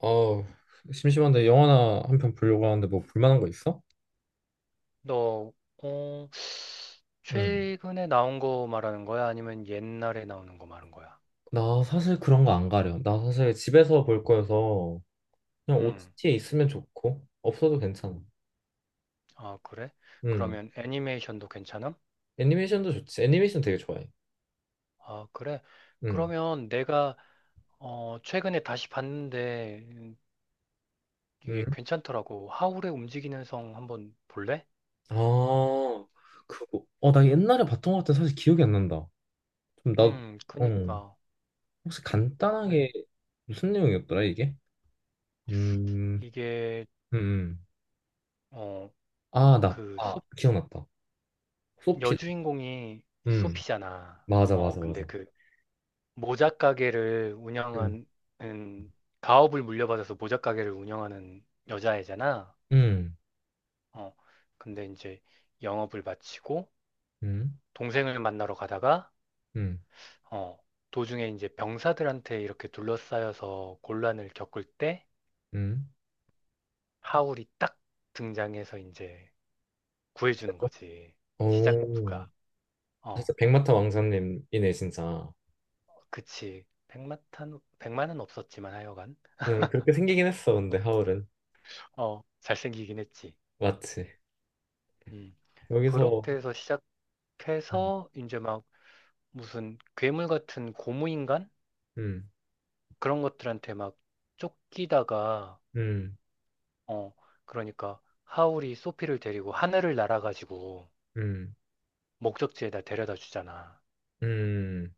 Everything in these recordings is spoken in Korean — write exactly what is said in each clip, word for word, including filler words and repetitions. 어, 심심한데 영화나 한 편 보려고 하는데 뭐 볼만한 거 있어? 너, 어, 응. 최근에 나온 거 말하는 거야? 아니면 옛날에 나오는 거 말하는 거야? 나 사실 그런 거 안 가려. 나 사실 집에서 볼 거여서 그냥 음, 오티티에 있으면 좋고 없어도 괜찮아. 아, 그래? 응. 그러면 애니메이션도 괜찮음? 애니메이션도 좋지. 애니메이션 되게 좋아해. 아, 그래? 응, 그러면 내가, 어, 최근에 다시 봤는데, 음, 응. 이게 괜찮더라고. 하울의 움직이는 성 한번 볼래? 아, 그거. 어, 나 옛날에 봤던 것 같아. 사실 기억이 안 난다. 좀 나, 음, 어, 그니까. 혹시 그래. 간단하게 무슨 내용이었더라 이게? 음, 이게, 음, 음. 어, 아, 나, 그, 아, 소, 기억났다. 소피다. 여주인공이 음, 소피잖아. 맞아, 어, 맞아, 근데 맞아. 그, 모자 가게를 운영한, 음, 가업을 물려받아서 모자 가게를 운영하는 여자애잖아. 음, 어. 근데 이제 영업을 마치고 음, 동생을 만나러 가다가 음, 어, 도중에 이제 병사들한테 이렇게 둘러싸여서 곤란을 겪을 때 음. 하울이 딱 등장해서 이제 구해주는 그래서? 거지. 오, 시작부가. 어, 진짜 백마탄 왕자님이네, 진짜. 그치. 백마탄, 백만은 없었지만 하여간. 응, 그렇게 생기긴 했어, 근데 하울은. 어, 잘생기긴 했지. 맞지. 음. 여기서. 그렇게 해서 음, 시작해서 이제 막 무슨 괴물 같은 고무인간? 음, 그런 것들한테 막 쫓기다가, 음, 어, 그러니까 하울이 소피를 데리고 하늘을 날아가지고 음. 목적지에다 데려다 주잖아. 음.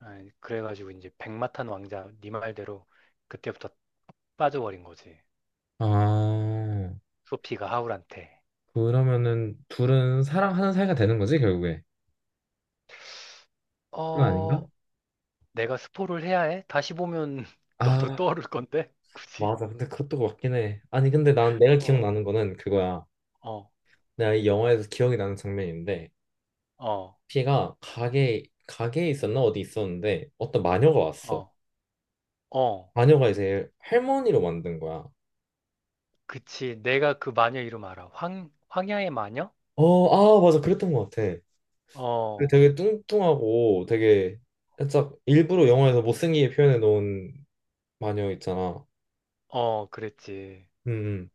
아, 그래가지고 이제 백마탄 왕자, 네 말대로 그때부터 빠져버린 거지. 아, 소피가 하울한테. 그러면은 둘은 사랑하는 사이가 되는 거지, 결국에? 그건 어, 아닌가? 내가 스포를 해야 해? 다시 보면 너도 아, 떠오를 건데? 굳이? 맞아. 근데 그것도 맞긴 해. 아니, 근데 난 내가 어, 기억나는 거는 그거야. 어, 내가 이 영화에서 기억이 나는 장면인데, 어, 피가 가게 가게에 있었나 어디 있었는데 어떤 마녀가 왔어. 어, 어. 마녀가 이제 할머니로 만든 거야. 그치. 내가 그 마녀 이름 알아. 황, 황야의 마녀? 어, 아, 맞아. 그랬던 것 같아. 근데 어, 되게 뚱뚱하고 되게 살짝 일부러 영화에서 못생기게 표현해 놓은 마녀 있잖아. 어, 그랬지. 음, 음.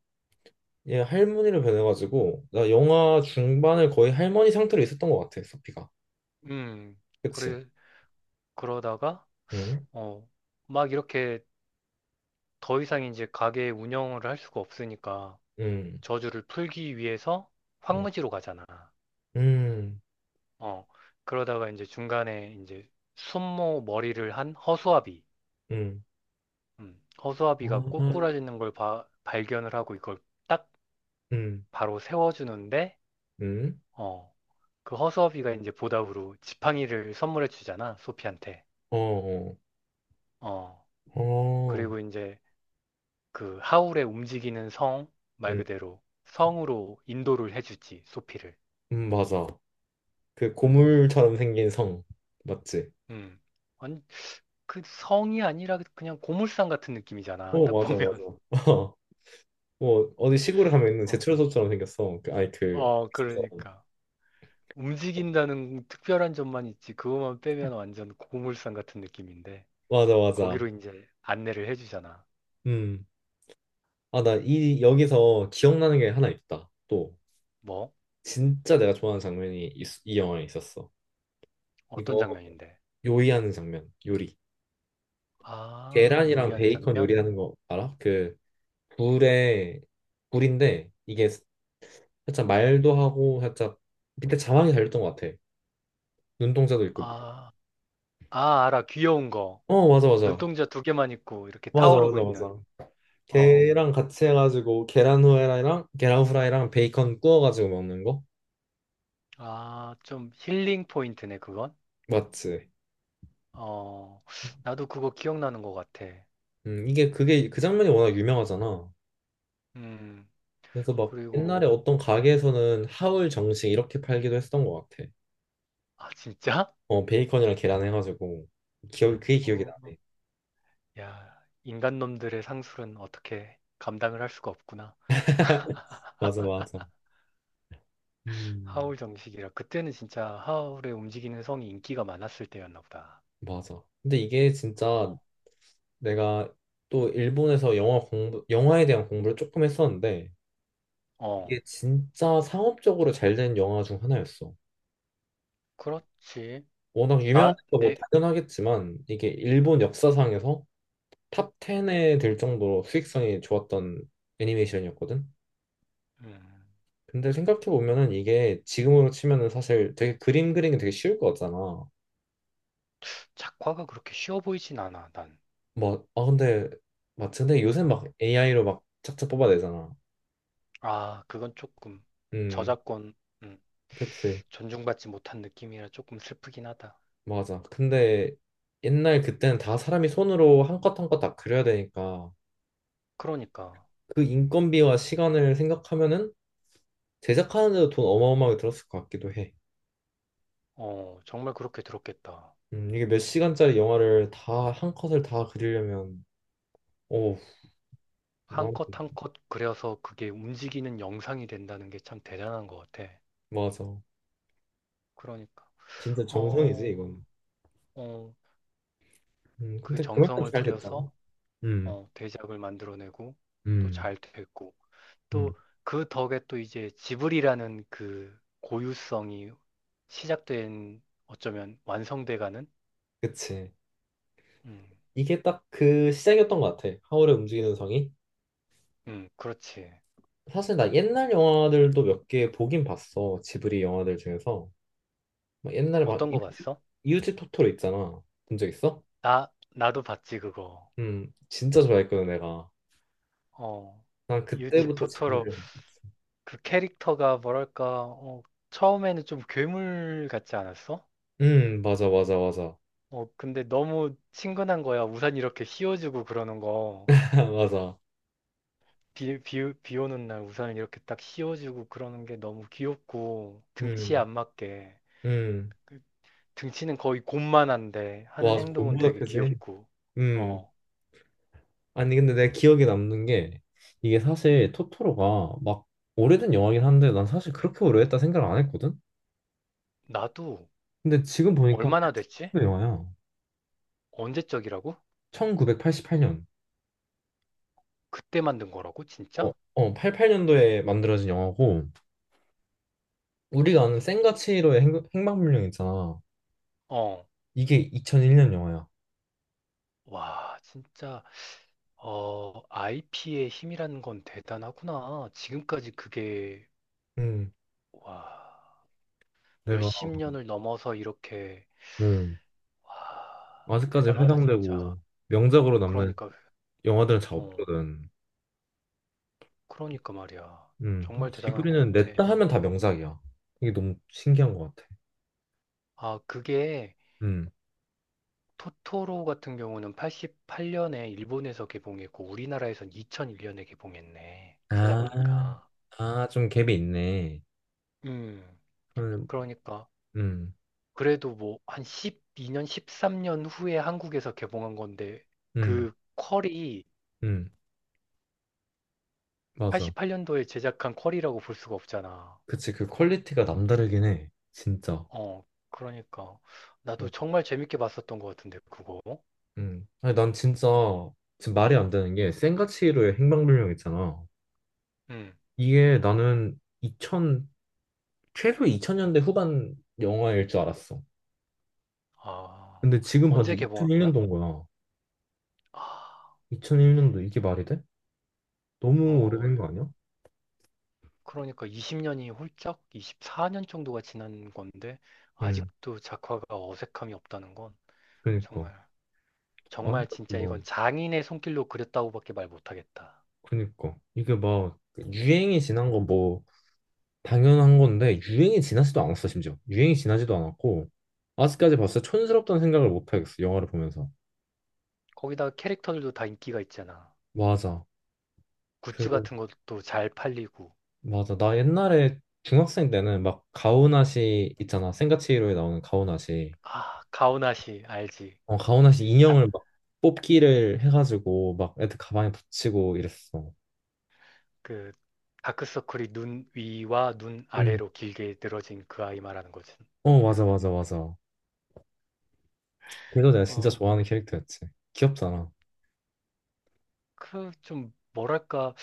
얘 할머니로 변해가지고 나 영화 중반을 거의 할머니 상태로 있었던 것 같아. 소피가. 음, 그치? 그래, 그러다가, 음, 어, 막 이렇게 더 이상 이제 가게 운영을 할 수가 없으니까 음, 저주를 풀기 위해서 음, 황무지로 가잖아. 음, 어, 그러다가 이제 중간에 이제 순모 머리를 한 허수아비. 음, 음, 허수아비가 아, 꼬꾸라지는 걸 봐- 발견을 하고 이걸 딱 음, 바로 세워주는데, 음, 어, 그 허수아비가 이제 보답으로 지팡이를 선물해 주잖아, 소피한테. 어, 어, 어. 어, 그리고 이제 그 하울의 움직이는 성, 말 음, 그대로 성으로 인도를 해주지, 소피를. 음, 맞아. 그 음, 고물처럼 생긴 성. 맞지? 음. 아니, 그 성이 아니라 그냥 고물상 같은 느낌이잖아, 어, 딱 맞아, 보면. 맞아. 어. 뭐 어디 시골에 가면 있는 어, 제철소처럼 생겼어 그, 아니 그. 어, 그러니까. 움직인다는 특별한 점만 있지, 그것만 빼면 완전 고물상 같은 느낌인데, 맞아, 맞아. 거기로 이제 안내를 해주잖아. 음아. 나 이 여기서 기억나는 게 하나 있다, 또. 뭐? 진짜 내가 좋아하는 장면이 이, 이 영화에 있었어. 어떤 이거, 장면인데? 요리하는 장면. 요리, 아, 계란이랑 요리하는 베이컨 장면? 요리하는 거 알아? 그, 불에. 불인데, 이게 살짝 말도 하고, 살짝 밑에 자막이 달렸던 것 같아. 눈동자도 있고. 아, 아, 알아. 귀여운 거. 어, 맞아, 맞아, 눈동자 두 개만 있고 이렇게 맞아. 타오르고 맞아, 있는. 맞아. 어. 걔랑 같이 해가지고 계란 후라이랑 계란 후라이랑 베이컨 구워가지고 먹는 거. 아, 좀 힐링 포인트네, 그건. 맞지. 어. 나도 그거 기억나는 것 같아. 음, 이게 그게 그 장면이 워낙 유명하잖아. 음. 그래서 막 그리고 옛날에 어떤 가게에서는 하울 정식 이렇게 팔기도 했었던 것 같아. 아, 진짜? 어, 베이컨이랑 계란 해가지고. 기억 그게 기억이 어. 나네. 야, 인간 놈들의 상술은 어떻게 감당을 할 수가 없구나. 맞아, 맞아. 음, 하울 정식이라. 그때는 진짜 하울의 움직이는 성이 인기가 많았을 때였나 보다. 맞아. 근데 이게 어. 진짜, 내가 또 일본에서 영화 공부 영화에 대한 공부를 조금 했었는데, 어. 이게 진짜 상업적으로 잘 된 영화 중 하나였어. 그렇지. 워낙 나, 유명하니까 뭐 내, 당연하겠지만 이게 일본 역사상에서 탑 십에 들 정도로 수익성이 좋았던 애니메이션이었거든. 음. 근데 생각해 보면은 이게 지금으로 치면은 사실 되게 그림 그리기 되게 쉬울 것 같잖아. 작화가 그렇게 쉬워 보이진 않아, 난. 뭐, 아, 근데 맞지? 근데 요새 막 에이아이로 막 착착 뽑아내잖아. 아, 그건 조금 음, 저작권, 음, 그치. 존중받지 못한 느낌이라 조금 슬프긴 하다. 맞아. 근데 옛날 그때는 다 사람이 손으로 한 컷 한 컷 다 그려야 되니까 그러니까, 그 인건비와 시간을 생각하면은 제작하는 데도 돈 어마어마하게 들었을 것 같기도 해. 어, 정말 그렇게 들었겠다. 음, 이게 몇 시간짜리 영화를 다 한 컷을 다 그리려면. 오, 한 난 컷 한 컷 그려서 그게 움직이는 영상이 된다는 게 참 대단한 것 같아. 맞아. 그러니까, 진짜 정성이지 어, 이건. 어, 음, 그 근데 그만큼 정성을 잘 됐잖아. 들여서 음, 어, 대작을 만들어내고 또 음, 잘 됐고 음. 또 그 덕에 또 이제 지브리라는 그 고유성이 시작된, 어쩌면 완성돼가는. 그치. 음, 이게 딱 그 시작이었던 것 같아. 하울의 움직이는 성이. 음, 그렇지. 사실 나 옛날 영화들도 몇 개 보긴 봤어. 지브리 영화들 중에서. 막 옛날에 막 어떤 거 이웃집, 봤어? 이웃집 토토로 있잖아. 본 적 있어? 나, 나도 봤지, 그거. 음, 진짜 좋아했거든 내가. 어, 난 유지 그때부터 토토로, 지브리를 봤었지. 그 캐릭터가 뭐랄까, 어, 처음에는 좀 괴물 같지 않았어? 음, 맞아, 맞아, 맞아. 어, 근데 너무 친근한 거야. 우산 이렇게 씌워주고 그러는 거. 맞아. 비, 비, 비 오는 날 우산을 이렇게 딱 씌워주고 그러는 게 너무 귀엽고, 등치에 음. 안 맞게. 음, 그 등치는 거의 곰만한데 와, 하는 행동은 곰보다 되게 크지? 귀엽고. 음, 어, 아니, 근데 내 기억에 남는 게, 이게 사실 토토로가 막 오래된 영화긴 한데, 난 사실 그렇게 오래됐다 생각을 안 했거든? 나도. 근데 지금 보니까 얼마나 됐지? 팔십 년도 영화야. 언제적이라고? 천구백팔십팔 년. 그때 만든 거라고? 어, 진짜? 어, 팔십팔 년도에 만들어진 영화고, 우리가 아는 센과 치히로의 행, 행방불명 있잖아. 어. 이게 이천일 년 영화야. 와, 진짜, 어, 아이피의 힘이라는 건 대단하구나. 지금까지 그게, 음, 와, 내가, 몇십 년을 넘어서 이렇게, 음, 와, 아직까지 대단하다, 진짜. 회상되고, 명작으로 남는 그러니까, 영화들은 잘 어, 없거든. 그러니까 말이야. 음, 정말 대단한 것 지브리는 같아. 냈다 하면 다 명작이야. 이게 너무 음. 신기한 것 같아. 아, 그게, 음. 토토로 같은 경우는 팔십팔 년에 일본에서 개봉했고, 우리나라에선 이천일 년에 개봉했네. 아, 찾아보니까. 아, 좀 갭이 있네. 음, 음, 그러니까. 음, 그래도 뭐 한 십이 년, 십삼 년 후에 한국에서 개봉한 건데 음, 그 퀄이 음, 맞아. 팔십팔 년도에 제작한 퀄이라고 볼 수가 없잖아. 그치, 그 퀄리티가 예. 남다르긴 해. 진짜. 어, 그러니까 어, 나도 정말 재밌게 봤었던 것 같은데 그거. 음. 아니, 난 진짜, 지금 말이 안 되는 게, 센과 치히로의 행방불명 있잖아. 음. 이게 나는 이천, 최소 이천 년대 후반 영화일 줄 알았어. 아, 근데 지금 언제 봤는데 개봉한 거야? 이천일 년도인 거야. 아, 이천일 년도 이게 말이 돼? 너무 어, 오래된 거 아니야? 그러니까 이십 년이 훌쩍 이십사 년 정도가 지난 건데 음. 아직도 작화가 어색함이 없다는 건 그니까 정말 아직 정말 지 진짜 이건 뭐 장인의 손길로 그렸다고밖에 말 못하겠다. 그니까 이게 막 유행이 지난 건 뭐 당연한 건데, 유행이 지나지도 않았어. 심지어 유행이 지나지도 않았고 아직까지 봤을 때 촌스럽다는 생각을 못 하겠어, 영화를 보면서. 거기다가 캐릭터들도 다 인기가 있잖아. 맞아. 그, 굿즈 같은 것도 잘 팔리고. 맞아. 나 옛날에 중학생 때는 막 가오나시 있잖아. 센가치히로에 나오는 가오나시, 아, 가오나시 알지? 어, 가오나시 다, 인형을 막 어, 뽑기를 해가지고 막 애들 가방에 붙이고 이랬어. 그 다크서클이 눈 위와 눈 아래로 응. 길게 늘어진 그 아이 말하는 거지. 어, 맞아, 맞아, 맞아. 그래서 내가 진짜 어, 좋아하는 캐릭터였지. 귀엽잖아. 그 좀 뭐랄까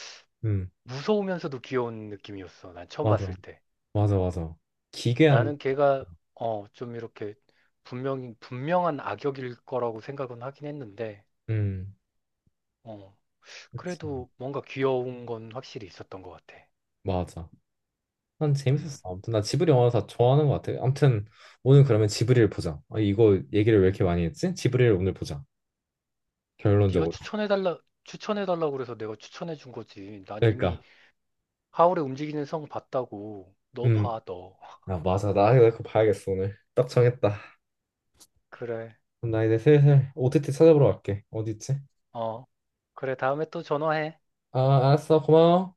음. 무서우면서도 귀여운 느낌이었어. 난 처음 봤을 맞아, 때. 맞아, 맞아. 기괴한. 나는 걔가 어, 좀 이렇게 분명히 분명한 악역일 거라고 생각은 하긴 했는데 음, 어, 그치. 그래도 뭔가 귀여운 건 확실히 있었던 것 같아. 맞아. 난 재밌었어. 음. 아무튼 나 지브리 영화 다 좋아하는 것 같아. 아무튼 오늘 그러면 지브리를 보자. 아, 이거 얘기를 왜 이렇게 많이 했지? 지브리를 오늘 보자. 네가 결론적으로. 추천해달라, 추천해달라고 그래서 내가 추천해준 거지. 난 이미 그러니까, 하울의 움직이는 성 봤다고. 너 음, 봐, 너. 아, 맞아. 나 이거 그거 봐야겠어 오늘. 딱 정했다. 그래. 그럼 나 이제 슬슬 오티티 찾아보러 갈게. 어디 있지? 어. 그래, 다음에 또 전화해. 아, 알았어. 고마워.